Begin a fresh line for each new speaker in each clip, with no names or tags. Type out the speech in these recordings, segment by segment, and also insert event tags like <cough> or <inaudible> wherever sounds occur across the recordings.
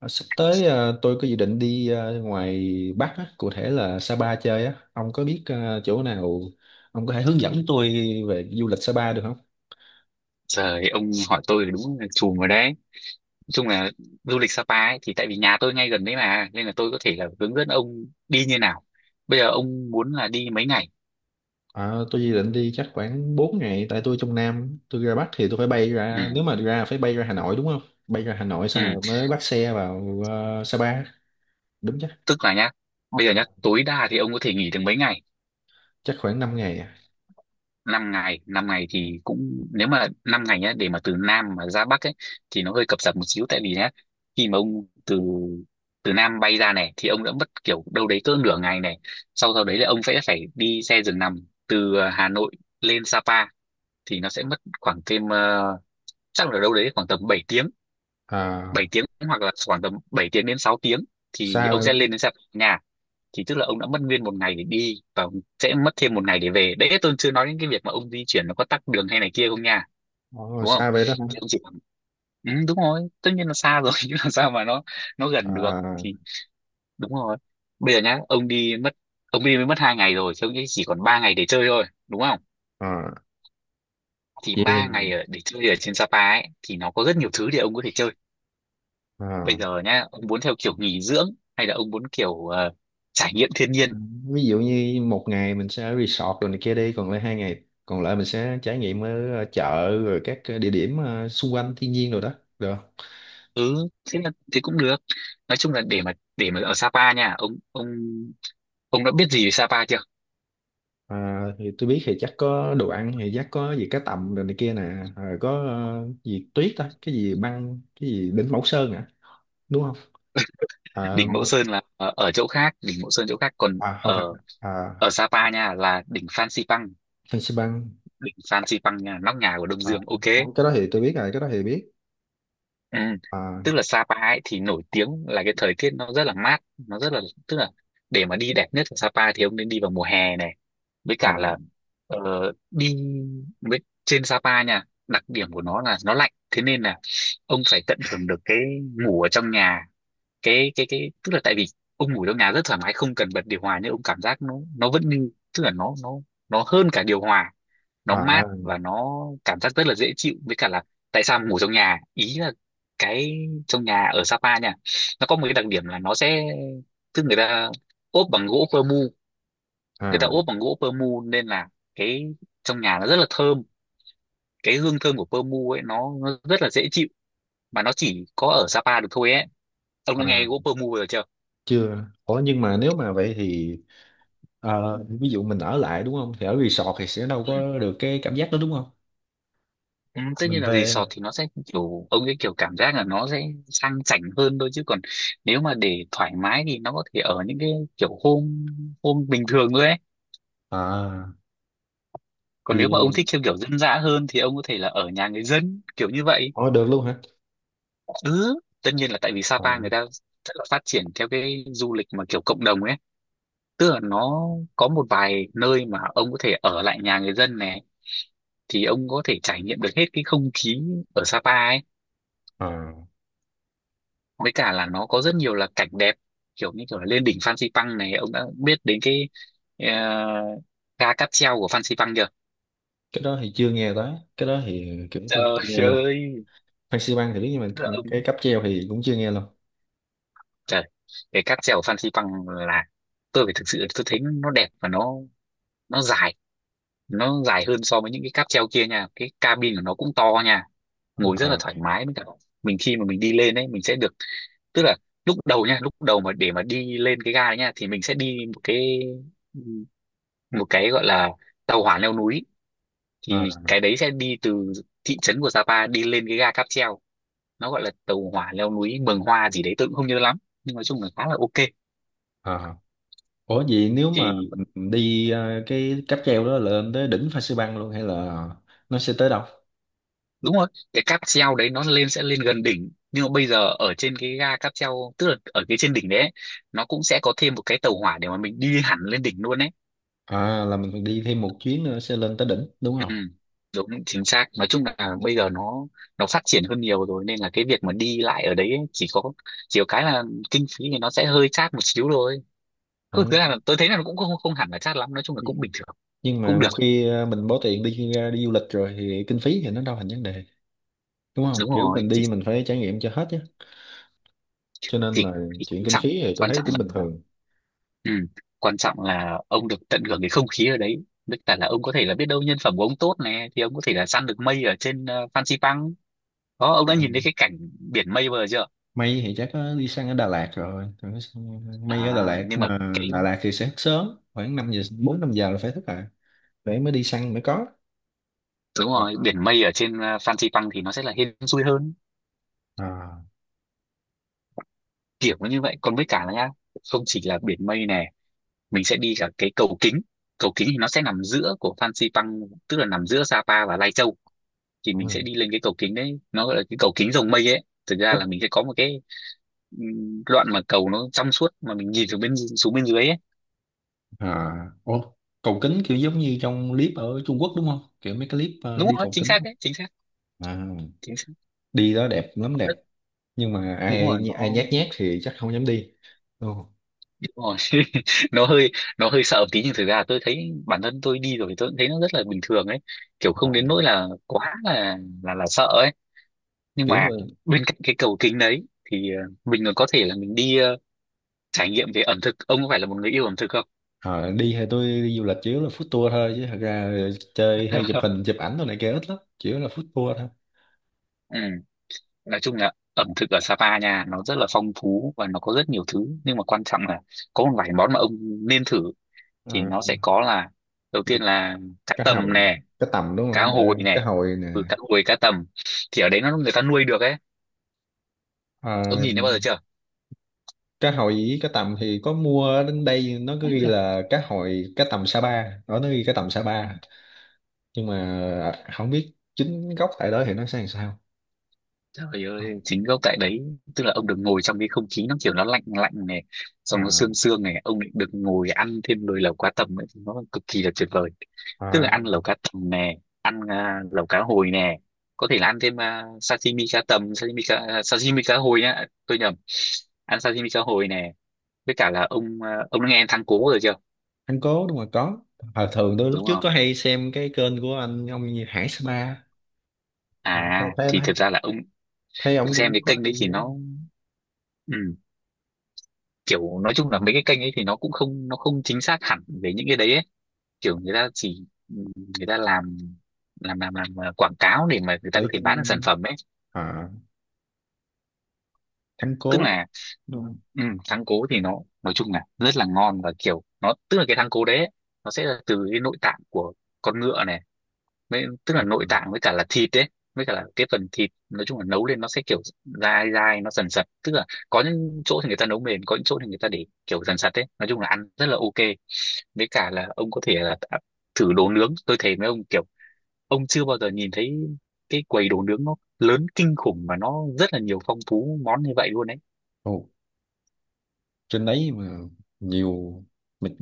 À, sắp tới à, tôi có dự định đi à, ngoài Bắc á, cụ thể là Sapa chơi á. Ông có biết à, chỗ nào ông có thể hướng dẫn tôi về du lịch Sapa được không?
Trời, ông hỏi tôi thì đúng là chùm rồi đấy. Nói chung là du lịch Sapa ấy, thì tại vì nhà tôi ngay gần đấy mà, nên là tôi có thể là hướng dẫn ông đi như nào. Bây giờ ông muốn là đi mấy ngày?
À, tôi dự định đi chắc khoảng 4 ngày tại tôi trong Nam, tôi ra Bắc thì tôi phải bay
Ừ,
ra, nếu mà ra phải bay ra Hà Nội đúng không? Bay ra Hà Nội xong
ừ.
rồi mới bắt xe vào à, Sapa, đúng chắc.
Tức là nhá, bây giờ nhá, tối đa thì ông có thể nghỉ được mấy ngày?
Chắc khoảng 5 ngày à.
5 ngày. 5 ngày thì cũng nếu mà 5 ngày nhá, để mà từ Nam mà ra Bắc ấy thì nó hơi cập rập một xíu, tại vì nhá, khi mà ông từ từ Nam bay ra này thì ông đã mất kiểu đâu đấy cỡ nửa ngày này. Sau sau đấy là ông sẽ phải đi xe giường nằm từ Hà Nội lên Sapa, thì nó sẽ mất khoảng thêm chắc là đâu đấy khoảng tầm 7 tiếng.
À,
7 tiếng hoặc là khoảng tầm 7 tiếng đến 6 tiếng thì
xa
ông
vậy-
sẽ lên đến Sapa nhà. Thì tức là ông đã mất nguyên một ngày để đi và ông sẽ mất thêm một ngày để về đấy, tôi chưa nói đến cái việc mà ông di chuyển nó có tắc đường hay này kia không nha,
Ồ,
đúng không?
xa vậy đó hả?
Thì ông chỉ bảo, ừ, đúng rồi, tất nhiên là xa rồi <laughs> chứ làm sao mà nó gần được.
À,
Thì đúng rồi, bây giờ nhá, ông đi mới mất 2 ngày rồi thì ông chỉ còn 3 ngày để chơi thôi, đúng không?
à,
Thì 3 ngày
yeah.
để chơi ở trên Sapa ấy thì nó có rất nhiều thứ để ông có thể chơi. Bây
Ờ.
giờ nhá, ông muốn theo kiểu nghỉ dưỡng hay là ông muốn kiểu trải nghiệm thiên nhiên?
Ừ, ví dụ như một ngày mình sẽ ở resort rồi này kia, đi còn lại 2 ngày còn lại mình sẽ trải nghiệm ở ờ, chợ rồi các ờ, địa điểm ờ, xung quanh thiên nhiên rồi đó, được không?
Ừ, thế là thế cũng được. Nói chung là để mà ở Sapa nha, ông đã biết gì về Sapa chưa?
À, thì tôi biết thì chắc có đồ ăn thì chắc có gì cá tầm rồi này kia nè, à, có ờ, gì tuyết đó cái gì băng cái gì đỉnh Mẫu Sơn hả, đúng không?
<laughs>
À,
Đỉnh Mẫu
một
Sơn là ở chỗ khác, đỉnh Mẫu Sơn chỗ khác, còn
à, không phải
ở
à,
ở Sapa nha là đỉnh Phan Xipang.
Fansipan băng
Đỉnh Phan Xipang nha, nóc nhà của Đông
à,
Dương, ok.
không cái đó thì tôi biết rồi, cái đó thì biết.
Ừ.
À,
Tức là Sapa ấy thì nổi tiếng là cái thời tiết nó rất là mát, nó rất là, tức là, để mà đi đẹp nhất ở Sapa thì ông nên đi vào mùa hè này, với
à,
cả là ờ, đi với trên Sapa nha, đặc điểm của nó là nó lạnh, thế nên là ông phải tận hưởng được cái ngủ ở trong nhà. Cái Tức là, tại vì ông ngủ trong nhà rất thoải mái, không cần bật điều hòa nhưng ông cảm giác nó vẫn như, tức là nó hơn cả điều hòa, nó mát
à,
và nó cảm giác rất là dễ chịu. Với cả là tại sao ngủ trong nhà ý là cái trong nhà ở Sapa nha, nó có một cái đặc điểm là nó sẽ, tức người ta ốp bằng gỗ pơ mu, người ta
à,
ốp bằng gỗ pơ mu nên là cái trong nhà nó rất là thơm, cái hương thơm của pơ mu ấy nó rất là dễ chịu, mà nó chỉ có ở Sapa được thôi ấy. Ông đã nghe
à,
Whopper Move rồi chưa?
chưa, ủa nhưng mà nếu mà vậy thì Ờ, ví dụ mình ở lại đúng không thì ở resort thì sẽ đâu
Ừ.
có được cái cảm giác đó đúng không.
Ừ, tất
Mình
nhiên là
phải
resort thì nó sẽ kiểu, ông cái kiểu cảm giác là nó sẽ sang chảnh hơn thôi, chứ còn nếu mà để thoải mái thì nó có thể ở những cái kiểu hôm hôm bình thường thôi ấy.
à
Còn
thì
nếu mà ông thích theo kiểu dân dã hơn thì ông có thể là ở nhà người dân kiểu như vậy.
Ồ, được luôn hả?
Ừ, tất nhiên là tại vì
Ờ,
Sapa người ta rất là phát triển theo cái du lịch mà kiểu cộng đồng ấy, tức là nó có một vài nơi mà ông có thể ở lại nhà người dân này, thì ông có thể trải nghiệm được hết cái không khí ở Sapa ấy.
ờ.
Với cả là nó có rất nhiều là cảnh đẹp, kiểu như kiểu là lên đỉnh Phan Xipang này. Ông đã biết đến cái ờ, ga cáp treo của Phan Xipang chưa?
Cái đó thì chưa nghe tới, cái đó thì kiểu tôi chưa nghe
Trời
luôn.
ơi,
Phan xi Păng thì biết nhưng
tức là
mà cái
ông-,
cáp treo thì cũng chưa nghe luôn.
trời, cái cáp treo của Phan Xipang là, tôi phải thực sự tôi thấy nó đẹp và nó dài, nó dài hơn so với những cái cáp treo kia nha, cái cabin của nó cũng to nha, ngồi rất là
À
thoải mái. Với cả mình khi mà mình đi lên ấy mình sẽ được, tức là lúc đầu nha, lúc đầu mà để mà đi lên cái ga đấy nha thì mình sẽ đi một cái, một cái gọi là tàu hỏa leo núi, thì
à.
cái đấy sẽ đi từ thị trấn của Sapa đi lên cái ga cáp treo, nó gọi là tàu hỏa leo núi Mường Hoa gì đấy, tôi cũng không nhớ lắm, nhưng nói chung là khá là ok.
Ờ. Ủa vậy nếu mà
Thì
mình đi ờ, cái cáp treo đó lên tới đỉnh Phan xi Păng luôn hay là nó sẽ tới đâu?
đúng rồi, cái cáp treo đấy nó lên sẽ lên gần đỉnh, nhưng mà bây giờ ở trên cái ga cáp treo, tức là ở cái trên đỉnh đấy ấy, nó cũng sẽ có thêm một cái tàu hỏa để mà mình đi hẳn lên đỉnh luôn ấy.
À là mình đi thêm một chuyến nữa sẽ lên tới đỉnh đúng
Ừ,
không?
đúng chính xác, nói chung là bây giờ nó phát triển hơn nhiều rồi, nên là cái việc mà đi lại ở đấy ấy, chỉ có cái là kinh phí thì nó sẽ hơi chát một xíu thôi, cứ
Ờ,
thứ
ok.
là tôi thấy là nó cũng không không hẳn là chát lắm, nói chung là cũng bình thường.
Nhưng mà
Cũng
một
được,
khi ờ, mình bỏ tiền đi ra đi du lịch rồi thì kinh phí thì nó đâu thành vấn đề, đúng không?
đúng
Kiểu
rồi,
mình đi mình phải trải nghiệm cho hết chứ. Cho nên
thì,
là
thì
chuyện
quan
kinh
trọng,
phí thì tôi
quan
thấy
trọng
cũng bình
là
thường.
ừ, quan trọng là ông được tận hưởng cái không khí ở đấy. Tất cả là ông có thể là biết đâu nhân phẩm của ông tốt này thì ông có thể là săn được mây ở trên Fansipan đó. Ông đã
Ờ,
nhìn thấy cái cảnh biển mây bao giờ chưa?
May thì chắc có đi sang ở Đà Lạt rồi. Còn cái sang- May ở
À,
Đà Lạt
nhưng mà
mà
cái,
Đà Lạt thì sẽ thức sớm khoảng 5 giờ 4 5 giờ là phải thức lại để mới đi săn mới có.
đúng
Ờ.
rồi, biển mây ở trên Fansipan thì nó sẽ là hên xui hơn,
À.
kiểu như vậy. Còn với cả là nhá, không chỉ là biển mây này, mình sẽ đi cả cái cầu kính. Cầu kính thì nó sẽ nằm giữa của Fansipan, tức là nằm giữa Sapa và Lai Châu. Thì
Ờ.
mình sẽ đi lên cái cầu kính đấy, nó gọi là cái cầu kính rồng mây ấy. Thực ra
Có,
là mình sẽ có một cái đoạn mà cầu nó trong suốt mà mình nhìn từ bên xuống bên dưới ấy.
à, ô, cầu kính kiểu giống như trong clip ở Trung Quốc đúng không, kiểu mấy cái clip ờ,
Đúng
đi
rồi,
cầu
chính
kính
xác đấy, chính xác,
à,
chính xác.
đi đó đẹp lắm, đẹp
Rất,
nhưng mà
đúng rồi,
ai ai nhát nhát thì chắc không dám đi. Ồ,
ôi, <laughs> nó hơi nó hơi sợ một tí nhưng thực ra là tôi thấy bản thân tôi đi rồi thì tôi cũng thấy nó rất là bình thường ấy, kiểu không
à,
đến nỗi là quá là sợ ấy. Nhưng
kiểu
mà
mà
bên cạnh cái cầu kính đấy thì mình còn có thể là mình đi trải nghiệm về ẩm thực. Ông có phải là một người yêu ẩm thực không?
à, đi hay tôi đi du lịch chủ yếu là food tour thôi chứ thật ra chơi hay chụp
<laughs>
hình chụp ảnh đồ này kia ít lắm, chủ yếu là food tour thôi.
Ừ. Nói chung là ẩm thực ở Sapa nha nó rất là phong phú và nó có rất nhiều thứ, nhưng mà quan trọng là có một vài món mà ông nên thử,
À,
thì nó sẽ có là, đầu tiên là cá
cá
tầm
hồi,
nè,
cá tầm đúng
cá
không?
hồi
Đợi, cá
này.
hồi nè.
Ừ, cá hồi cá tầm thì ở đấy nó người ta nuôi được ấy, ông
À,
nhìn thấy bao giờ chưa?
cá hồi với cá tầm thì có mua đến đây nó cứ ghi
<clears throat>
là cá hồi cá tầm Sa Pa đó, nó ghi cá tầm Sa Pa nhưng mà không biết chính gốc tại đó thì nó sẽ làm sao.
Trời ơi, chính gốc tại đấy, tức là ông được ngồi trong cái không khí nó kiểu nó lạnh lạnh này, xong nó
À,
sương sương này, ông lại được ngồi ăn thêm nồi lẩu cá tầm ấy, nó cực kỳ là tuyệt vời. Tức
à,
là ăn lẩu cá tầm nè, ăn lẩu cá hồi nè, có thể là ăn thêm sashimi cá tầm, sashimi cá, sashimi cá hồi nhá, tôi nhầm, ăn sashimi cá hồi nè. Với cả là ông đã nghe thắng cố rồi chưa?
anh cố đúng rồi có. À, thường tôi lúc
Đúng
trước
rồi.
có hay xem cái kênh của anh ông như Hải Spa. À, thấy,
À
thấy,
thì
thấy,
thật ra là ông
thấy ông
xem
cũng
cái
có
kênh
hay
đấy thì nó, ừ, kiểu nói chung là mấy cái kênh ấy thì nó cũng không, nó không chính xác hẳn về những cái đấy ấy. Kiểu người ta chỉ người ta làm làm quảng cáo để mà người ta có
để
thể bán được sản
kênh
phẩm ấy.
à, thắng
Tức
cố
là ừ,
đúng không.
ừ, thắng cố thì nó nói chung là rất là ngon, và kiểu nó tức là cái thắng cố đấy ấy, nó sẽ là từ cái nội tạng của con ngựa này. Mấy, tức là
À,
nội
ừ.
tạng với cả là thịt đấy, với cả là cái phần thịt nói chung là nấu lên nó sẽ kiểu dai dai, nó sần sật. Tức là có những chỗ thì người ta nấu mềm, có những chỗ thì người ta để kiểu dần sật đấy, nói chung là ăn rất là ok. Với cả là ông có thể là thử đồ nướng. Tôi thấy mấy ông kiểu ông chưa bao giờ nhìn thấy cái quầy đồ nướng nó lớn kinh khủng mà nó rất là nhiều, phong phú món như vậy luôn đấy.
Ồ, trên đấy mà nhiều. Mình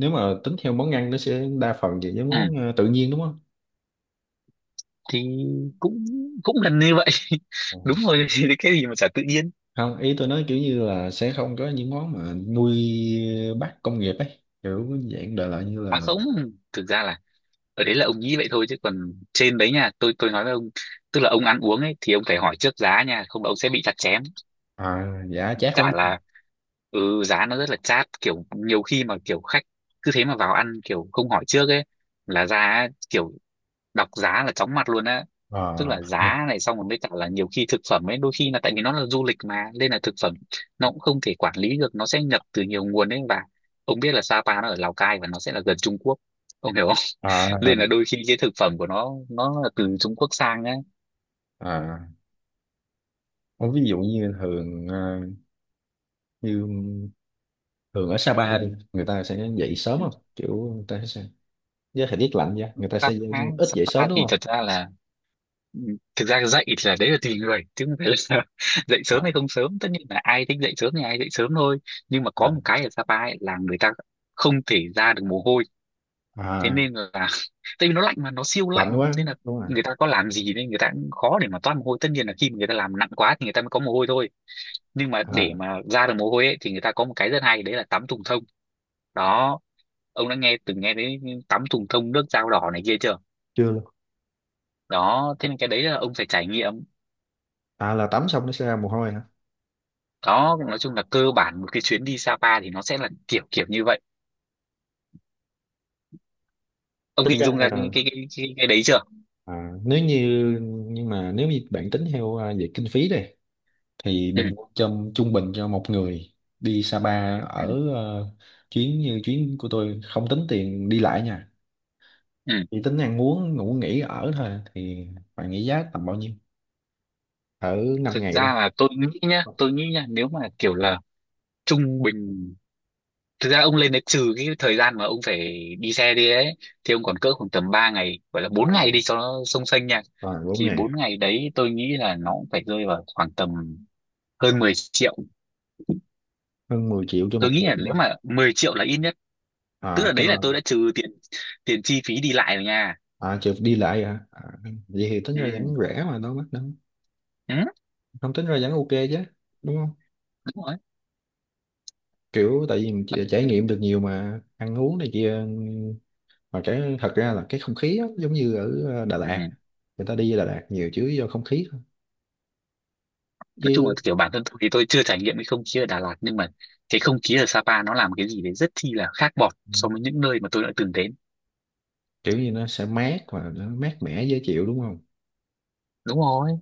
nếu mà tính theo món ăn nó sẽ đa phần về những
Ừ,
món ờ, tự nhiên đúng không?
thì cũng cũng gần như vậy. <laughs> Đúng
À.
rồi. <laughs> Thì cái gì mà chả tự nhiên.
Không, ý tôi nói kiểu như là sẽ không có những món mà nuôi bắt công nghiệp ấy, kiểu dạng đời lại như
À
là
không, thực ra là ở đấy là ông nghĩ vậy thôi, chứ còn trên đấy nha, tôi nói với ông, tức là ông ăn uống ấy thì ông phải hỏi trước giá nha, không là ông sẽ bị chặt chém.
à, giả chát lắm
Cả là ừ, giá nó rất là chát, kiểu nhiều khi mà kiểu khách cứ thế mà vào ăn kiểu không hỏi trước ấy, là ra ấy, kiểu đọc giá là chóng mặt luôn á. Tức
à,
là
<laughs>
giá này xong rồi với cả là nhiều khi thực phẩm ấy, đôi khi là tại vì nó là du lịch mà nên là thực phẩm nó cũng không thể quản lý được, nó sẽ nhập từ nhiều nguồn ấy. Và ông biết là Sapa nó ở Lào Cai và nó sẽ là gần Trung Quốc, ông hiểu không?
à,
Nên là đôi khi cái thực phẩm của nó là từ Trung Quốc sang ấy.
à. Ờ, ví dụ như thường ờ, như thường ở Sapa đi người ta sẽ dậy sớm
Ừ.
không, kiểu người ta sẽ với thời tiết lạnh ra người ta sẽ
Sapa,
ít dậy
Sapa
sớm đúng
thì
không?
thật ra là ừ, thực ra dậy thì là đấy là tùy người chứ không phải là <laughs> dậy sớm hay
À,
không sớm, tất nhiên là ai thích dậy sớm thì ai dậy sớm thôi. Nhưng mà có
à,
một cái ở Sapa ấy là người ta không thể ra được mồ hôi, thế
à,
nên là <laughs> tại vì nó lạnh, mà nó siêu
lạnh
lạnh,
quá,
nên là
đúng rồi.
người ta có làm gì nên người ta cũng khó để mà toát mồ hôi. Tất nhiên là khi mà người ta làm nặng quá thì người ta mới có mồ hôi thôi, nhưng mà
À,
để mà ra được mồ hôi ấy, thì người ta có một cái rất hay đấy là tắm thùng thông. Đó, ông đã nghe từng nghe đến tắm thùng thông, nước dao đỏ này kia chưa?
chưa luôn.
Đó, thế nên cái đấy là ông phải trải nghiệm.
À là tắm xong nó sẽ ra mồ hôi hả?
Đó, nói chung là cơ bản một cái chuyến đi Sapa thì nó sẽ là kiểu kiểu như vậy. Ông
Tính
hình
ra
dung ra cái
là-
cái cái, cái, cái đấy chưa?
à, nếu như nhưng mà nếu như bạn tính theo à, về kinh phí đây thì
ừ,
bình quân trong trung bình cho một người đi Sapa ở
ừ,
ờ, chuyến như chuyến của tôi không tính tiền đi lại nha,
ừ.
chỉ tính ăn uống ngủ nghỉ ở thôi thì bạn nghĩ giá tầm bao nhiêu ở 5
Thực
ngày đó?
ra là tôi nghĩ nhá, nếu mà kiểu là trung bình, thực ra ông lên đấy trừ cái thời gian mà ông phải đi xe đi ấy, thì ông còn cỡ khoảng tầm 3 ngày, gọi là
À,
4 ngày đi cho nó sông xanh nha.
rồi 4
Thì
ngày
4 ngày đấy tôi nghĩ là nó cũng phải rơi vào khoảng tầm hơn 10 triệu.
hơn 10 triệu cho
Tôi
một
nghĩ
người
là
đúng
nếu
không?
mà 10 triệu là ít nhất, tức
À
là đấy là tôi
cho
đã trừ tiền tiền chi phí đi lại rồi nha.
à chịu đi lại hả, à, vậy thì tính ra
Ừ,
vẫn rẻ mà đâu mắc đâu,
ừ,
không tính ra vẫn ok chứ, đúng không?
đúng rồi.
Kiểu tại vì mình
Nói
chỉ-
chung
trải nghiệm
là-
được nhiều mà ăn uống này kia mà, cái thật ra là cái không khí á, giống như ở ờ, Đà Lạt
ừ,
người ta đi Đà Lạt nhiều chứ do không khí thôi
nói chung là
chứ.
kiểu bản thân tôi thì tôi chưa trải nghiệm cái không khí ở Đà Lạt, nhưng mà cái không khí ở Sapa nó làm cái gì đấy rất chi là khác bọt
Ừ,
so với những nơi mà tôi đã từng đến.
kiểu như nó sẽ mát và nó mát mẻ dễ chịu đúng không.
Đúng rồi,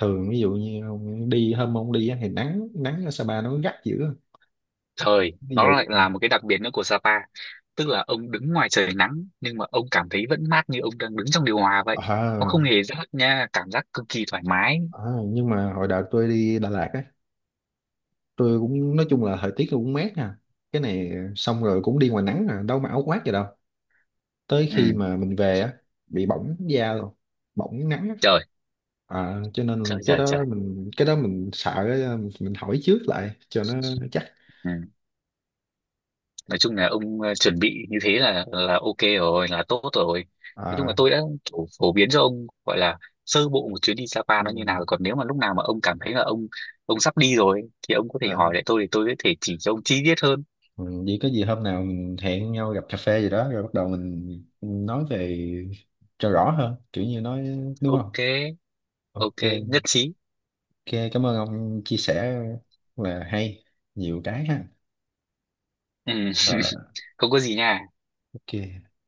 Thường ví dụ như ông đi hôm ông đi á thì nắng, nắng ở Sapa nó gắt dữ.
trời
Ví
nó
dụ
lại là một cái đặc biệt nữa của Sapa, tức là ông đứng ngoài trời nắng nhưng mà ông cảm thấy vẫn mát như ông đang đứng trong điều hòa vậy. Nó
ờ
không hề rát nha, cảm giác cực kỳ thoải mái.
ờ, nhưng mà hồi đợt tôi đi Đà Lạt á tôi cũng nói chung là thời tiết cũng mát nè, cái này xong rồi cũng đi ngoài nắng à đâu mà áo khoác gì đâu, tới khi
Ừ,
mà mình về á bị bỏng da luôn, bỏng nắng á.
trời
Ờ, cho nên là
trời
cái
trời trời.
đó mình sợ á, mình hỏi trước lại cho nó chắc.
Ừ, nói chung là ông chuẩn bị như thế là ok rồi, là tốt rồi. Nói chung là
Ờ,
tôi đã kiểu phổ biến cho ông, gọi là sơ bộ một chuyến đi Sapa
ừ.
nó như nào. Còn nếu mà lúc nào mà ông cảm thấy là ông sắp đi rồi thì ông có thể
Ờ,
hỏi lại tôi, thì tôi có thể chỉ cho ông chi tiết hơn.
ừ, vậy có gì hôm nào mình hẹn nhau gặp cà phê gì đó rồi bắt đầu mình nói về cho rõ hơn kiểu như nói đúng
Ok,
không? Ok.
ok, nhất trí.
Ok, cảm ơn ông chia sẻ là hay nhiều cái ha.
Ừ. <laughs>
Rồi.
Không có gì nha.
Ok.